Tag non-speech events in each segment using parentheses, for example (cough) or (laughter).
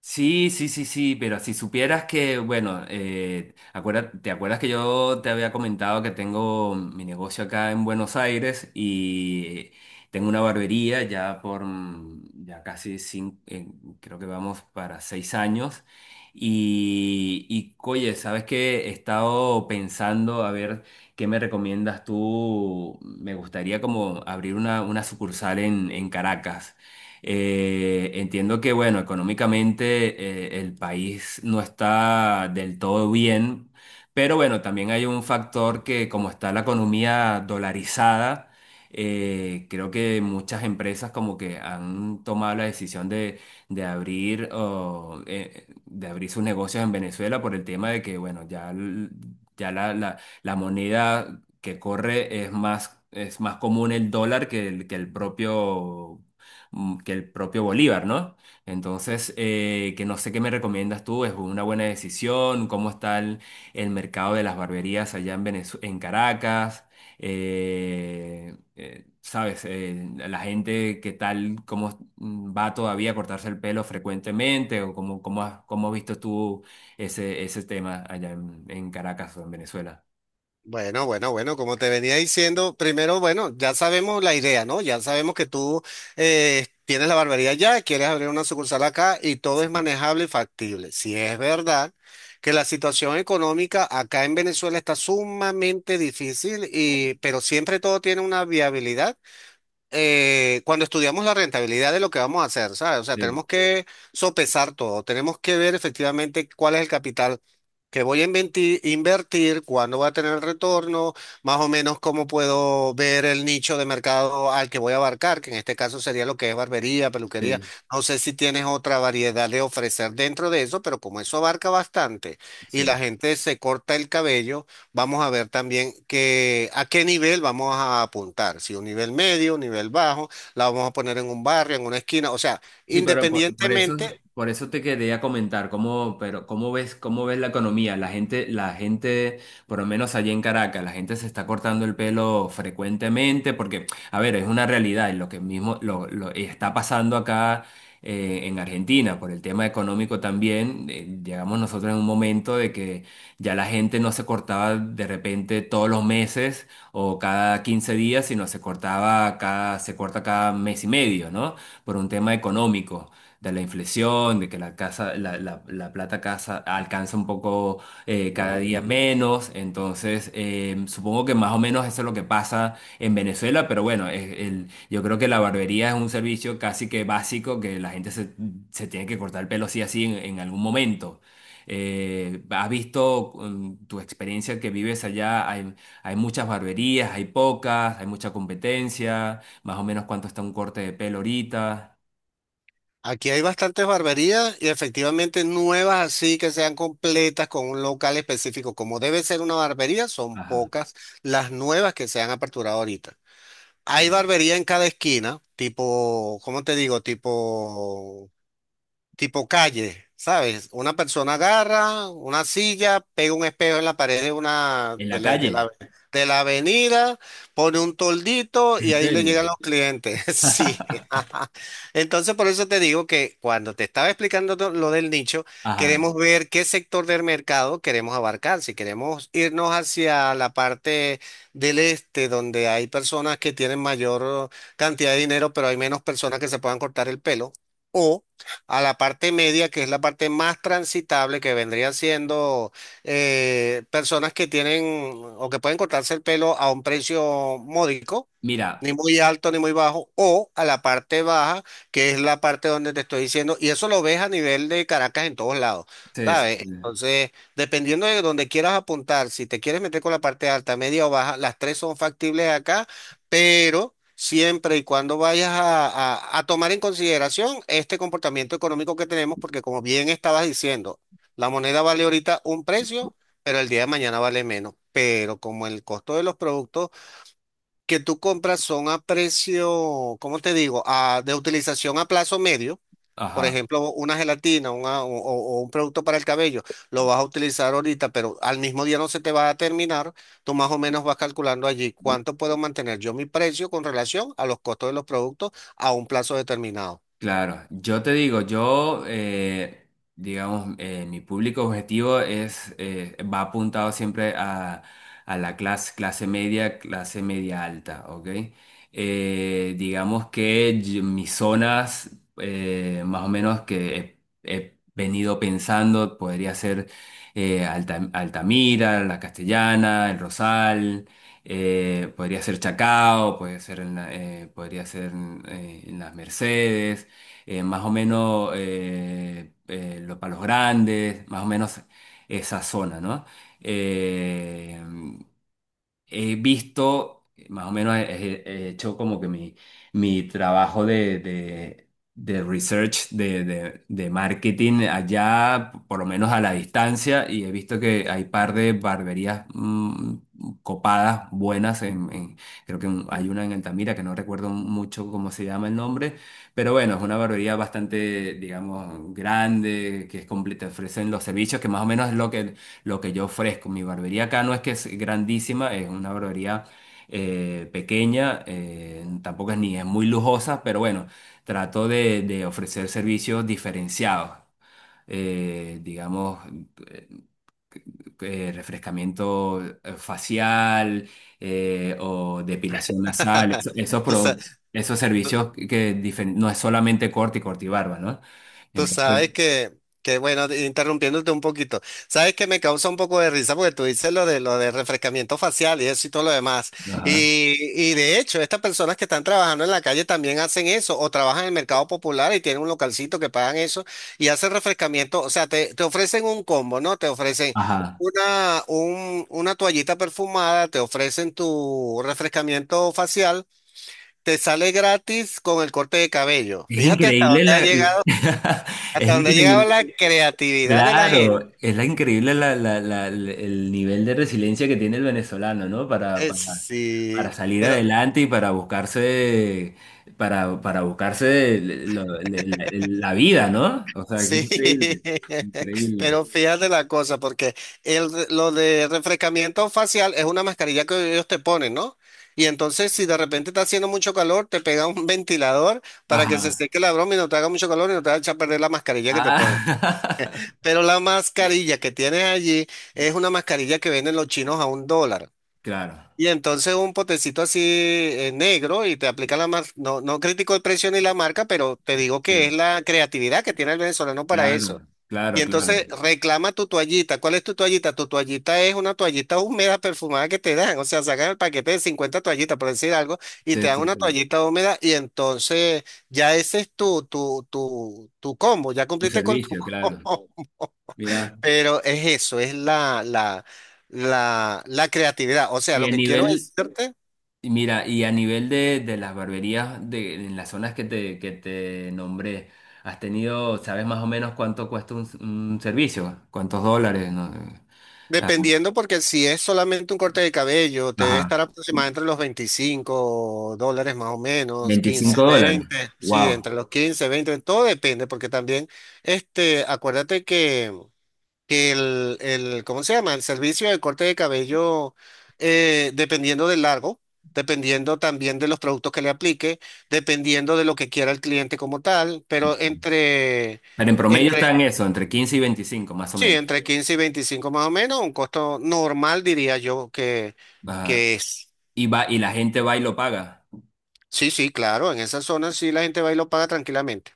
Sí, sí, sí, sí, pero si supieras que, bueno, ¿te acuerdas que yo te había comentado que tengo mi negocio acá en Buenos Aires y tengo una barbería ya por, ya casi 5, creo que vamos para 6 años. Y oye, ¿sabes qué? He estado pensando a ver qué me recomiendas tú, me gustaría como abrir una sucursal en Caracas. Entiendo que, bueno, económicamente el país no está del todo bien, pero bueno, también hay un factor que como está la economía dolarizada. Creo que muchas empresas como que han tomado la decisión de abrir o, de abrir sus negocios en Venezuela por el tema de que, bueno, ya, ya la moneda que corre es más común el dólar que el propio que el propio Bolívar, ¿no? Entonces, que no sé qué me recomiendas tú, es una buena decisión, cómo está el mercado de las barberías allá en en Caracas. ¿Sabes? La gente, ¿qué tal, cómo va todavía a cortarse el pelo frecuentemente o cómo, cómo has visto tú ese, ese tema en Caracas o en Venezuela? Bueno, bueno, bueno, como te venía diciendo, primero, bueno, ya sabemos la idea, ¿no? Ya sabemos que tú tienes la barbería ya, quieres abrir una sucursal acá y todo es manejable y factible. Si es verdad que la situación económica acá en Venezuela está sumamente difícil y, pero siempre todo tiene una viabilidad. Eh, cuando estudiamos la rentabilidad de lo que vamos a hacer, ¿sabes? O sea, Sí, tenemos que sopesar todo, tenemos que ver efectivamente cuál es el capital que voy a invertir, cuándo va a tener el retorno, más o menos cómo puedo ver el nicho de mercado al que voy a abarcar, que en este caso sería lo que es barbería, peluquería. sí, No sé si tienes otra variedad de ofrecer dentro de eso, pero como eso abarca bastante y sí. la gente se corta el cabello, vamos a ver también que, a qué nivel vamos a apuntar, si un nivel medio, un nivel bajo, la vamos a poner en un barrio, en una esquina, o sea, sí, Sí, pero independientemente. por eso te quería comentar, cómo, pero cómo ves la economía, la gente, por lo menos allí en Caracas, la gente se está cortando el pelo frecuentemente, porque, a ver, es una realidad, y lo que mismo lo está pasando acá en Argentina, por el tema económico también. Llegamos nosotros en un momento de que ya la gente no se cortaba de repente todos los meses o cada 15 días, sino se cortaba cada, se corta cada mes y medio, ¿no? Por un tema económico, de la inflexión, de que la casa, la, la plata casa alcanza un poco cada día menos. Entonces, supongo que más o menos eso es lo que pasa en Venezuela, pero bueno, yo creo que la barbería es un servicio casi que básico que la gente se, se tiene que cortar el pelo sí así en algún momento. ¿Has visto tu experiencia que vives allá? ¿Hay, hay muchas barberías, hay pocas, hay mucha competencia? Más o menos cuánto está un corte de pelo ahorita. Aquí hay bastantes barberías y efectivamente nuevas así que sean completas con un local específico, como debe ser una barbería, son Ajá. pocas las nuevas que se han aperturado ahorita. Hay Ajá. barbería en cada esquina, tipo, ¿cómo te digo? Tipo calle, ¿sabes? Una persona agarra una silla, pega un espejo en la pared de una ¿En la calle? de la avenida, pone un toldito y ¿En ahí le serio? llegan los clientes. (laughs) Sí. (laughs) (laughs) Entonces, por eso te digo que cuando te estaba explicando lo del nicho, Ajá. queremos ver qué sector del mercado queremos abarcar. Si queremos irnos hacia la parte del este, donde hay personas que tienen mayor cantidad de dinero, pero hay menos personas que se puedan cortar el pelo. O a la parte media, que es la parte más transitable, que vendrían siendo personas que tienen o que pueden cortarse el pelo a un precio módico, Mira. ni muy alto ni muy bajo, o a la parte baja, que es la parte donde te estoy diciendo, y eso lo ves a nivel de Caracas en todos lados, Sí, sí, ¿sabes? sí. Entonces, dependiendo de donde quieras apuntar, si te quieres meter con la parte alta, media o baja, las tres son factibles acá, pero... siempre y cuando vayas a, a tomar en consideración este comportamiento económico que tenemos, porque como bien estabas diciendo, la moneda vale ahorita un precio, pero el día de mañana vale menos. Pero como el costo de los productos que tú compras son a precio, ¿cómo te digo? A, de utilización a plazo medio. Por Ajá. ejemplo, una gelatina o, o un producto para el cabello, lo vas a utilizar ahorita, pero al mismo día no se te va a terminar. Tú más o menos vas calculando allí cuánto puedo mantener yo mi precio con relación a los costos de los productos a un plazo determinado. Claro, yo te digo, yo, digamos, mi público objetivo es, va apuntado siempre a la clase, clase media alta, ¿ok? Digamos que mis zonas, más o menos que he, he venido pensando, podría ser Altamira, La Castellana, El Rosal. Podría ser Chacao, puede ser en podría ser en Las Mercedes, más o menos para Los Grandes, más o menos esa zona, ¿no? Eh, He visto, más o menos he, he hecho como que mi trabajo de research, de marketing allá, por lo menos a la distancia, y he visto que hay par de barberías copadas, buenas, creo que hay una en Altamira que no recuerdo mucho cómo se llama el nombre, pero bueno, es una barbería bastante, digamos, grande, que es completa, ofrecen los servicios, que más o menos es lo que yo ofrezco. Mi barbería acá no es que es grandísima, es una barbería pequeña, tampoco es ni es muy lujosa, pero bueno, trato de ofrecer servicios diferenciados, digamos, eh, refrescamiento facial o depilación nasal, (laughs) esos, tú sabes, esos servicios que no es solamente corte y corte y barba, ¿no? tú Entonces, sabes que bueno, interrumpiéndote un poquito, sabes que me causa un poco de risa porque tú dices lo de refrescamiento facial y eso y todo lo demás. ajá, Y de hecho, estas personas que están trabajando en la calle también hacen eso, o trabajan en el mercado popular y tienen un localcito que pagan eso y hacen refrescamiento. O sea, te ofrecen un combo, ¿no? Te ofrecen ajá. una, una toallita perfumada, te ofrecen tu refrescamiento facial, te sale gratis con el corte de cabello. Es Fíjate hasta increíble dónde ha la... llegado. (laughs) es Hasta donde llegaba increíble, la creatividad de la gente. claro, es la increíble la, el nivel de resiliencia que tiene el venezolano, ¿no? Sí, Para salir pero adelante y para buscarse la, la vida, ¿no? O sea, que sí, increíble, (laughs) increíble. pero fíjate la cosa, porque el, lo de refrescamiento facial es una mascarilla que ellos te ponen, ¿no? Y entonces, si de repente está haciendo mucho calor, te pega un (laughs) ventilador para que se Ajá. seque la broma y no te haga mucho calor y no te vaya a echar a perder la mascarilla que te ponen. Ah, Pero la mascarilla que tienes allí es una mascarilla que venden los chinos a $1. (laughs) claro, Y entonces un potecito así negro y te aplica la marca. No, no critico el precio ni la marca, pero te digo que es sí, la creatividad que tiene el venezolano para eso. claro, Y claro, claro. entonces reclama tu toallita. ¿Cuál es tu toallita? Tu toallita es una toallita húmeda perfumada que te dan. O sea, sacan el paquete de 50 toallitas, por decir algo, y te Sí, dan sí, una sí. toallita húmeda y entonces ya ese es tu combo. Ya Tu cumpliste con tu servicio, (laughs) claro. combo. Mira. Pero es eso, es la creatividad. O sea, Y lo a que quiero nivel, decirte. Y mira, y a nivel de las barberías de, en las zonas que te nombré, ¿has tenido, sabes más o menos cuánto cuesta un servicio? ¿Cuántos dólares? No sé. Ah, Dependiendo, porque si es solamente un corte de cabello, te debe estar ajá, aproximadamente entre los $25 más o menos, 15 $25. 20 sí, Wow. entre los 15, 20 todo depende, porque también, este, acuérdate que el, ¿cómo se llama? El servicio de corte de cabello, dependiendo del largo, dependiendo también de los productos que le aplique, dependiendo de lo que quiera el cliente como tal, pero entre... Pero en promedio está en eso, entre 15 y 25 más o Sí, menos. entre 15 y 25 más o menos, un costo normal diría yo Ajá. que es. Y va, y la gente va y lo paga. Sí, sí, claro, en esa zona sí la gente va y lo paga tranquilamente.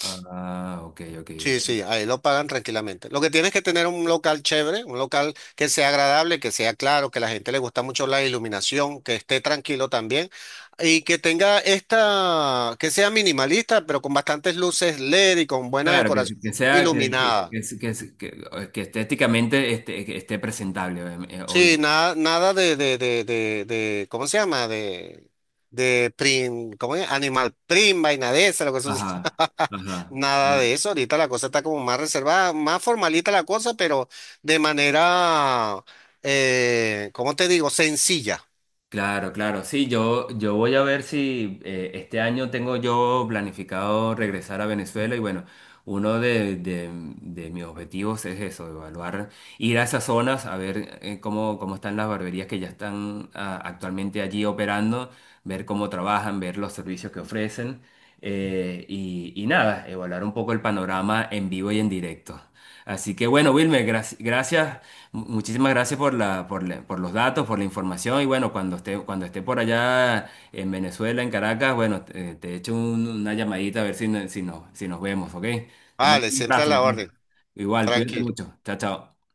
Ah, ok, ok. Sí, sí, ahí lo pagan tranquilamente. Lo que tienes que tener un local chévere, un local que sea agradable, que sea claro, que a la gente le gusta mucho la iluminación, que esté tranquilo también y que tenga esta, que sea minimalista, pero con bastantes luces LED y con buena Claro, decoración que sea, iluminada. Que, que estéticamente esté, que esté presentable, obvio. Sí, nada, nada ¿cómo se llama? De prim, ¿cómo es? Animal prim, vaina de esa, lo que Ajá, (laughs) ajá. nada de eso. Ahorita la cosa está como más reservada, más formalita la cosa, pero de manera, ¿cómo te digo? Sencilla. Claro, claro. Sí, yo voy a ver si este año tengo yo planificado regresar a Venezuela y bueno, uno de, de mis objetivos es eso, evaluar, ir a esas zonas, a ver cómo, cómo están las barberías que ya están ah, actualmente allí operando, ver cómo trabajan, ver los servicios que ofrecen, y nada, evaluar un poco el panorama en vivo y en directo. Así que bueno, Wilmer, gracias. Muchísimas gracias por la, por los datos, por la información y bueno, cuando esté por allá en Venezuela, en Caracas, bueno, te echo una llamadita a ver si, si, si nos vemos, ¿ok? Te mando Vale, un siempre a abrazo, la papá. orden. Igual, cuídate Tranquilo. mucho. Chao, chao.